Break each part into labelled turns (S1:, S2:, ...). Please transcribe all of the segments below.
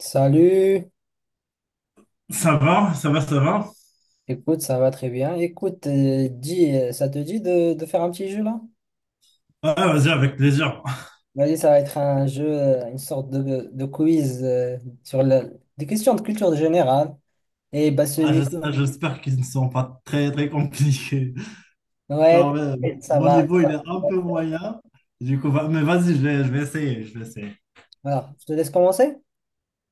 S1: Salut,
S2: Ça va, ça va, ça va.
S1: écoute, ça va très bien. Écoute, dis, ça te dit de faire un petit jeu là?
S2: Ouais, vas-y, avec plaisir.
S1: Vas-y, ça va être un jeu, une sorte de quiz sur la- des questions de culture générale. Et bah
S2: Ah,
S1: celui,
S2: j'es- ah, J'espère qu'ils ne sont pas très, très compliqués.
S1: ouais,
S2: Quand même,
S1: t'inquiète, ça
S2: mon
S1: va.
S2: niveau, il est un peu moyen. Du coup, mais vas-y, je vais essayer.
S1: Voilà, je te laisse commencer?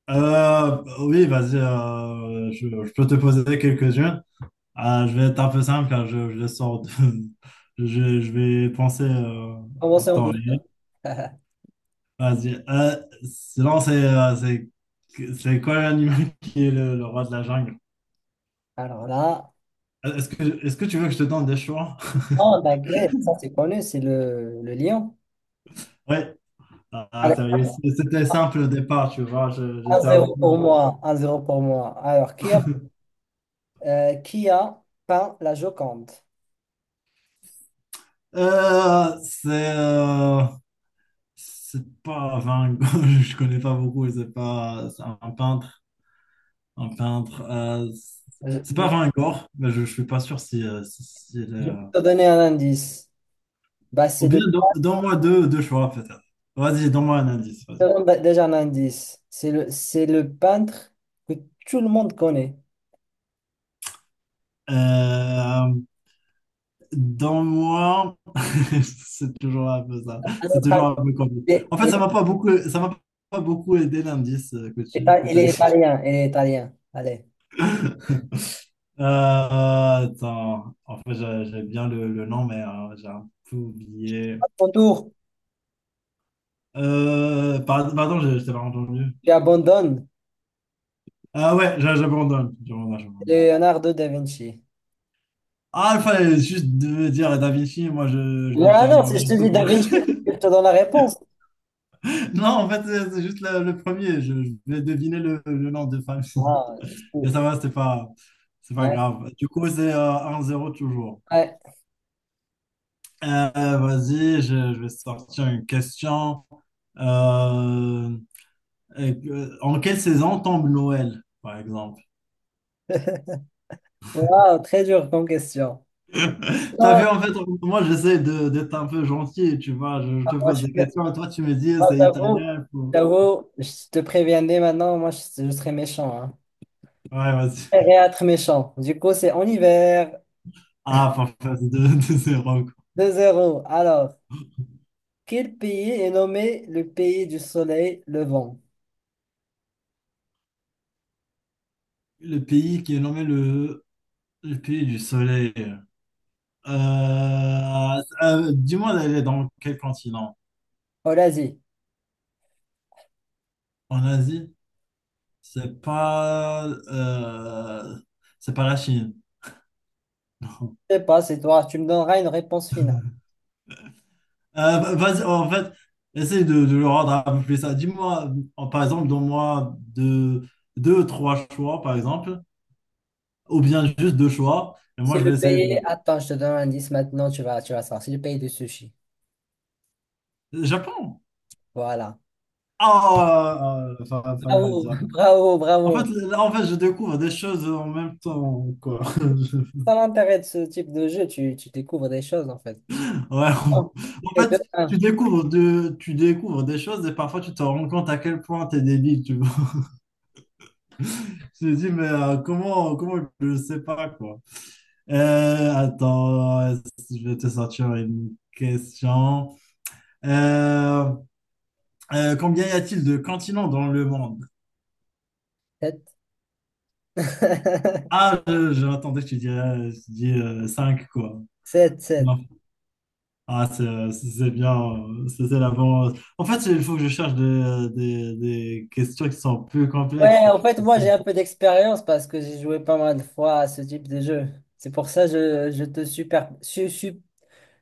S2: Oui, vas-y, je peux te poser quelques-unes. Ah, je vais être un peu simple, car je Je vais penser en
S1: Commencer en
S2: temps réel.
S1: douceur.
S2: Vas-y. Sinon, c'est quoi l'animal qui est le roi de la jungle?
S1: Alors là,
S2: Est-ce que tu veux que je te donne des choix?
S1: non, t'inquiète, ça c'est connu, c'est le lion.
S2: Ouais. Ah,
S1: Allez,
S2: sérieux, c'était simple au départ, tu vois. J'étais un
S1: 1-0 pour
S2: peu-
S1: moi, un zéro pour moi. Alors, qui a peint la Joconde?
S2: Euh, c'est euh, c'est pas Van Je connais pas beaucoup, c'est pas c'est un peintre, un peintre. C'est pas Van Gogh, mais je suis pas sûr s'il est,
S1: Je vais te donner un indice. Bah, c'est
S2: Ou
S1: le...
S2: bien donne-moi deux choix peut-être. Vas-y, donne-moi un indice.
S1: je
S2: Vas-y.
S1: te donne bah, déjà un indice. C'est le peintre que tout le monde connaît.
S2: Euh, Dans moi, c'est toujours un peu ça.
S1: Un
S2: C'est
S1: autre
S2: toujours un
S1: indice.
S2: peu compliqué.
S1: Il est,
S2: En fait,
S1: il
S2: ça m'a pas beaucoup aidé l'indice que
S1: il
S2: t'as
S1: est
S2: dit.
S1: italien. Il est italien. Allez.
S2: Attends, en fait, j'ai bien le nom, mais j'ai un peu oublié.
S1: À ton tour,
S2: Pardon, je t'ai pas entendu.
S1: tu abandonnes
S2: Ah ouais, j'abandonne, j'abandonne, j'abandonne.
S1: Leonardo da Vinci.
S2: Ah, il fallait juste de dire Da Vinci, moi je vais
S1: Ouais,
S2: dire
S1: non, si je te
S2: Leonardo,
S1: dis da
S2: quoi.
S1: Vinci, c'est que je te donne la réponse.
S2: Non, en fait, c'est juste le premier, je vais deviner le nom de famille.
S1: Ah,
S2: Mais ça
S1: c'est-
S2: va, c'est pas
S1: ouais,
S2: grave. Du coup, c'est 1-0 toujours.
S1: ouais.
S2: Euh, Vas-y, je vais sortir une question. Euh, En quelle saison tombe Noël, par exemple?
S1: Wow, très dur comme question.
S2: T'as
S1: Non,
S2: vu, en fait, moi, j'essaie d'être un peu gentil, tu vois. Je te
S1: moi, je
S2: pose
S1: suis...
S2: des
S1: mé-
S2: questions et toi, tu me dis,
S1: moi,
S2: c'est
S1: j'avoue,
S2: italien.
S1: je te préviens dès maintenant, moi, je serais méchant, hein.
S2: Ouais,
S1: Et
S2: vas-y.
S1: être méchant. Du coup, c'est en hiver.
S2: Ah, parfait, c'est 2-0.
S1: 2 zéro. Alors, quel pays est nommé le pays du soleil levant?
S2: Le pays qui est nommé le pays du soleil. Euh, Dis-moi d'aller dans quel continent?
S1: Oh, l'Asie.
S2: En Asie, c'est pas, euh, c'est pas la Chine.
S1: Je sais pas, c'est toi. Tu me donneras une réponse finale.
S2: Vas-y, en fait, essaye de le rendre un peu plus ça. Dis-moi, par exemple, donne-moi deux, deux, trois choix, par exemple, ou bien juste deux choix, et moi
S1: C'est
S2: je vais
S1: le
S2: essayer
S1: pays.
S2: de.
S1: Attends, je te donne un indice maintenant. Tu vas savoir. C'est le pays du sushi.
S2: Japon!
S1: Voilà.
S2: Ah, fallait me
S1: Bravo,
S2: dire.
S1: bravo,
S2: En fait,
S1: bravo.
S2: là, en fait, je découvre des choses en même temps, quoi.
S1: Ça l'intérêt de ce type de jeu. Tu découvres des choses, en fait.
S2: Ouais.
S1: Bon.
S2: En
S1: Et deux
S2: fait,
S1: un
S2: tu découvres des choses et parfois tu te rends compte à quel point t'es débile, tu vois. J'ai dit, mais comment je ne sais pas, quoi. Attends, je vais te sortir une question. Euh, Combien y a-t-il de continents dans le monde?
S1: sept.
S2: Ah, j'attendais que tu dirais, je dis 5 quoi.
S1: Sept sept.
S2: Non. Ah, c'est bien, c'est la bonne. En fait, il faut que je cherche des questions qui sont plus complexes.
S1: Ouais, en fait, moi, j'ai un peu d'expérience parce que j'ai joué pas mal de fois à ce type de jeu. C'est pour ça que je te super, su- su-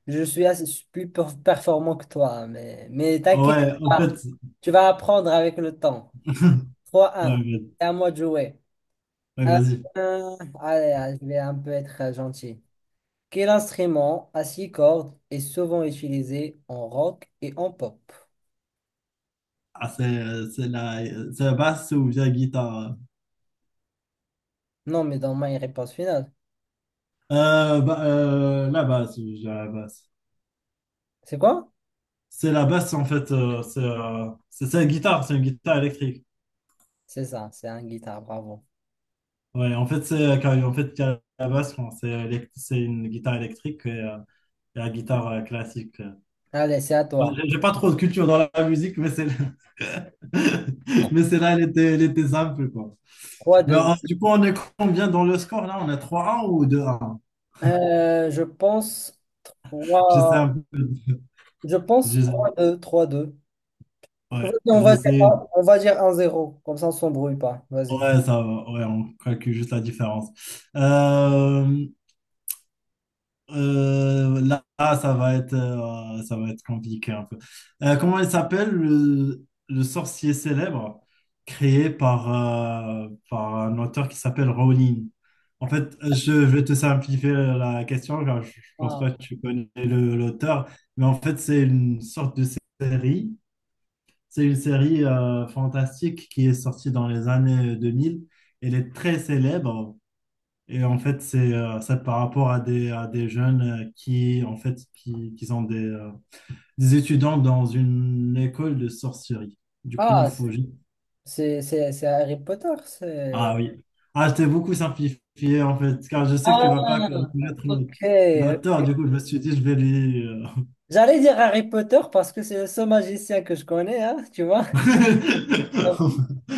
S1: je suis plus performant que toi, hein. Mais t'inquiète
S2: Ouais, en
S1: pas,
S2: fait,
S1: tu vas apprendre avec le temps. Trois
S2: ouais,
S1: un. C'est à moi de jouer.
S2: ouais,
S1: Un,
S2: vas-y.
S1: un. Allez, allez, je vais un peu être gentil. Quel instrument à six cordes est souvent utilisé en rock et en pop?
S2: Ah, c'est la basse ou bien guitare?
S1: Non, mais dans ma réponse finale.
S2: Bah, la basse, je dirais la basse.
S1: C'est quoi?
S2: C'est la basse, en fait, c'est une guitare, c'est une guitare électrique.
S1: C'est ça, c'est un guitare, bravo.
S2: Ouais, en fait, en fait, il la basse, bon, c'est une guitare électrique et la guitare classique.
S1: Allez, c'est à toi.
S2: J'ai pas trop de culture dans la musique, mais c'est mais celle-là, elle était simple, quoi.
S1: Trois
S2: Mais
S1: deux.
S2: du coup, on est combien dans le score là? On est trois un ou deux 1.
S1: Je pense
S2: J'essaie un
S1: trois.
S2: peu.
S1: Je pense
S2: J'essaie-
S1: trois deux, trois deux.
S2: Ouais,
S1: Vas-y, on va dire,
S2: j'essaie.
S1: on va dire un zéro. Comme ça, on s'embrouille pas. Vas-y.
S2: Ouais, ça va. Ouais, on calcule juste la différence. Euh, Là, ça va être compliqué un peu. Comment il s'appelle le sorcier célèbre créé par un auteur qui s'appelle Rowling? En fait, je vais te simplifier la question, car je pense pas que
S1: Ah,
S2: tu connais l'auteur, mais en fait, série c'est une série fantastique qui est sortie dans les années 2000. Elle est très célèbre et en fait, c'est par rapport à des jeunes qui, en fait, qui sont des étudiants dans une école de sorcellerie. Du coup,
S1: Ah, c'est c'est Harry Potter.
S2: Ah
S1: C'est.
S2: oui. Ah, je t'ai beaucoup simplifié en fait, car je sais que
S1: Ah,
S2: tu vas pas
S1: ok,
S2: connaître l'auteur.
S1: ok.
S2: Du coup, je me suis dit, je vais lui.
S1: J'allais dire Harry Potter parce que c'est le seul magicien que je connais, hein, tu vois. Donc,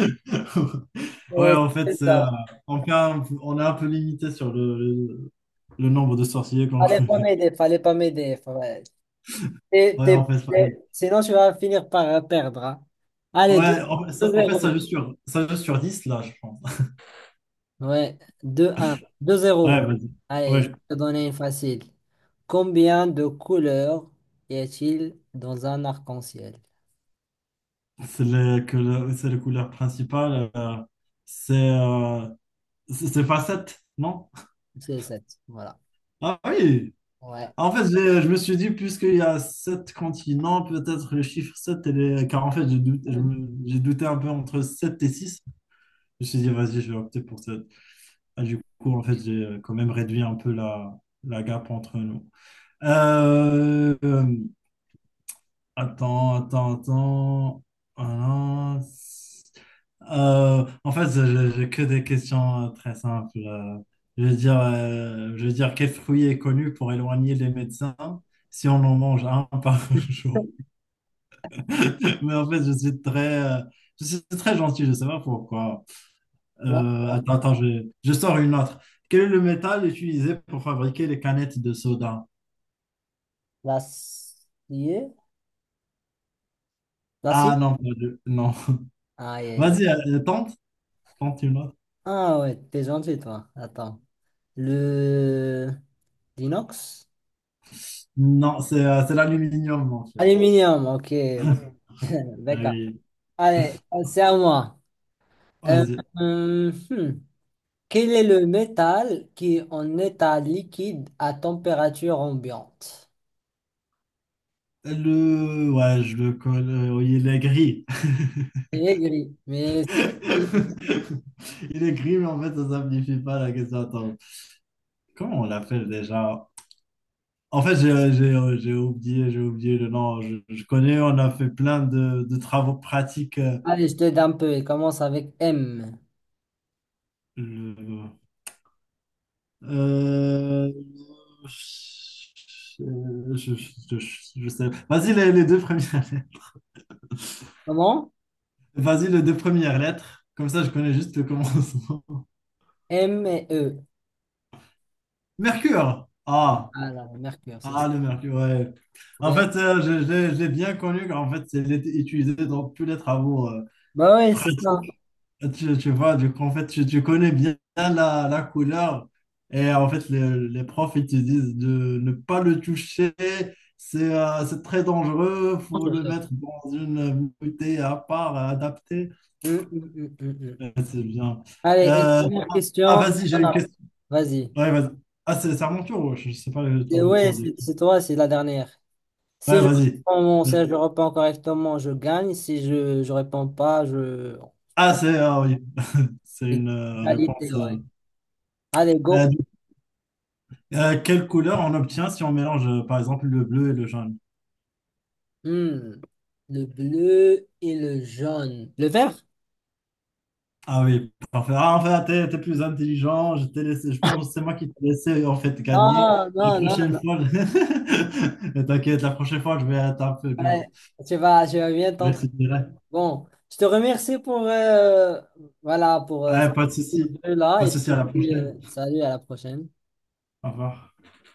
S2: Ouais,
S1: C'est
S2: en fait,
S1: c'est
S2: c'est,
S1: ça.
S2: on fait un- on est un peu limité sur le nombre de sorciers qu'on
S1: Fallait pas
S2: connaît.
S1: m'aider. Fallait pas m'aider.
S2: Ouais, en fait, ça-
S1: Sinon, tu vas finir par perdre, hein. Allez, deux
S2: ouais, en fait, ça, en fait,
S1: zéro.
S2: ça joue sur, 10 là, je pense.
S1: Ouais, deux un, deux zéro.
S2: Ouais, vas-y.
S1: Allez, je
S2: Ouais,
S1: vais te donner une facile. Combien de couleurs y a-t-il dans un arc-en-ciel?
S2: c'est les couleurs principales c'est euh, c'est pas 7, non?
S1: C'est sept. Voilà.
S2: Ah oui!
S1: Ouais.
S2: En fait, je me suis dit, puisqu'il y a 7 continents, peut-être le chiffre 7 et les car en fait, j'ai douté un peu entre 7 et six. Je me suis dit, vas-y, je vais opter pour sept. Ah, du coup, en fait, j'ai quand même réduit un peu la gap entre nous. Euh, euh, Attends, attends, attends. Voilà. En fait, j'ai que des questions très simples. Je veux dire, quel fruit est connu pour éloigner les médecins si on en mange un par jour? Mais en fait, je suis très gentil, je sais pas pourquoi.
S1: Là,
S2: Attends, attends, je sors une autre. Quel est le métal utilisé pour fabriquer les canettes de soda?
S1: l'acier? L'acier?
S2: Ah non, pas de- non.
S1: Aïe, aïe, aïe.
S2: Vas-y, tente une autre.
S1: Ah ouais, t'es gentil, toi. Attends. Le... L'inox?
S2: Non, c'est l'aluminium en fait.
S1: Aluminium, ok.
S2: Ah
S1: D'accord.
S2: oui,
S1: Allez, c'est à moi. Euh,
S2: vas-y.
S1: hum, hmm. Quel est le métal qui est en état liquide à température ambiante?
S2: Ouais, je le connais. Oui, il est gris.
S1: C'est aigri, mais... c'est pas comme-
S2: Il est gris, mais en fait, ça simplifie pas la question. Attends, comment on l'appelle déjà? En fait, j'ai oublié le nom. Je connais, on a fait plein de travaux pratiques.
S1: Allez, je t'aide un peu. Il commence avec M.
S2: euh, Euh, je, je sais. Vas-y, les deux premières
S1: Comment?
S2: Vas-y, les deux premières lettres. Comme ça, je connais juste le commencement.
S1: M et E.
S2: Mercure. Ah,
S1: Ah là, le mercure, c'est ça.
S2: ah le mercure, ouais. En
S1: Bien.
S2: fait, je l'ai bien connu. En fait, c'est il est utilisé dans tous les travaux
S1: Bah ouais, c'est ça.
S2: pratiques. Tu vois, du coup, en fait, tu connais bien la couleur. Et en fait, les profs, ils te disent de ne pas le toucher. C'est très dangereux. Faut le
S1: Hum,
S2: mettre dans une bouteille à part, adaptée.
S1: hum, hum.
S2: Ouais, c'est bien.
S1: Allez, et une
S2: Euh,
S1: dernière
S2: ah,
S1: question.
S2: vas-y, j'ai
S1: On
S2: une
S1: a-
S2: question.
S1: vas-y.
S2: Ouais, vas-y. Ah, c'est à mon tour. Ouais, je sais pas le, le
S1: Ouais,
S2: tour de qui.
S1: c'est toi, c'est la dernière. Si
S2: Ouais,
S1: je
S2: vas-y.
S1: réponds, si je réponds correctement, je gagne. Si je réponds pas, je...
S2: Ah,
S1: Bon,
S2: c'est ah oui, c'est une réponse.
S1: égalité, ouais. Allez,
S2: Euh,
S1: go.
S2: du- Quelle couleur on obtient si on mélange, par exemple, le bleu et le jaune?
S1: Hmm. Le bleu et le jaune. Le vert?
S2: Ah oui, parfait. Ah, en fait, t'es plus intelligent. Je t'ai laissé, je pense que c'est moi qui t'ai laissé en fait gagner.
S1: Ah,
S2: La
S1: non, non,
S2: prochaine
S1: non.
S2: fois, Ne t'inquiète, la prochaine fois, je vais être un peu dur.
S1: Ouais, tu vas bien
S2: Je vais
S1: t'entraîner.
S2: essayer.
S1: Bon, je te remercie pour, voilà, pour ce
S2: Ouais, pas de souci.
S1: jeu-là
S2: Pas
S1: et
S2: de
S1: je
S2: souci,
S1: te
S2: à la
S1: dis
S2: prochaine.
S1: salut à la prochaine.
S2: Au revoir.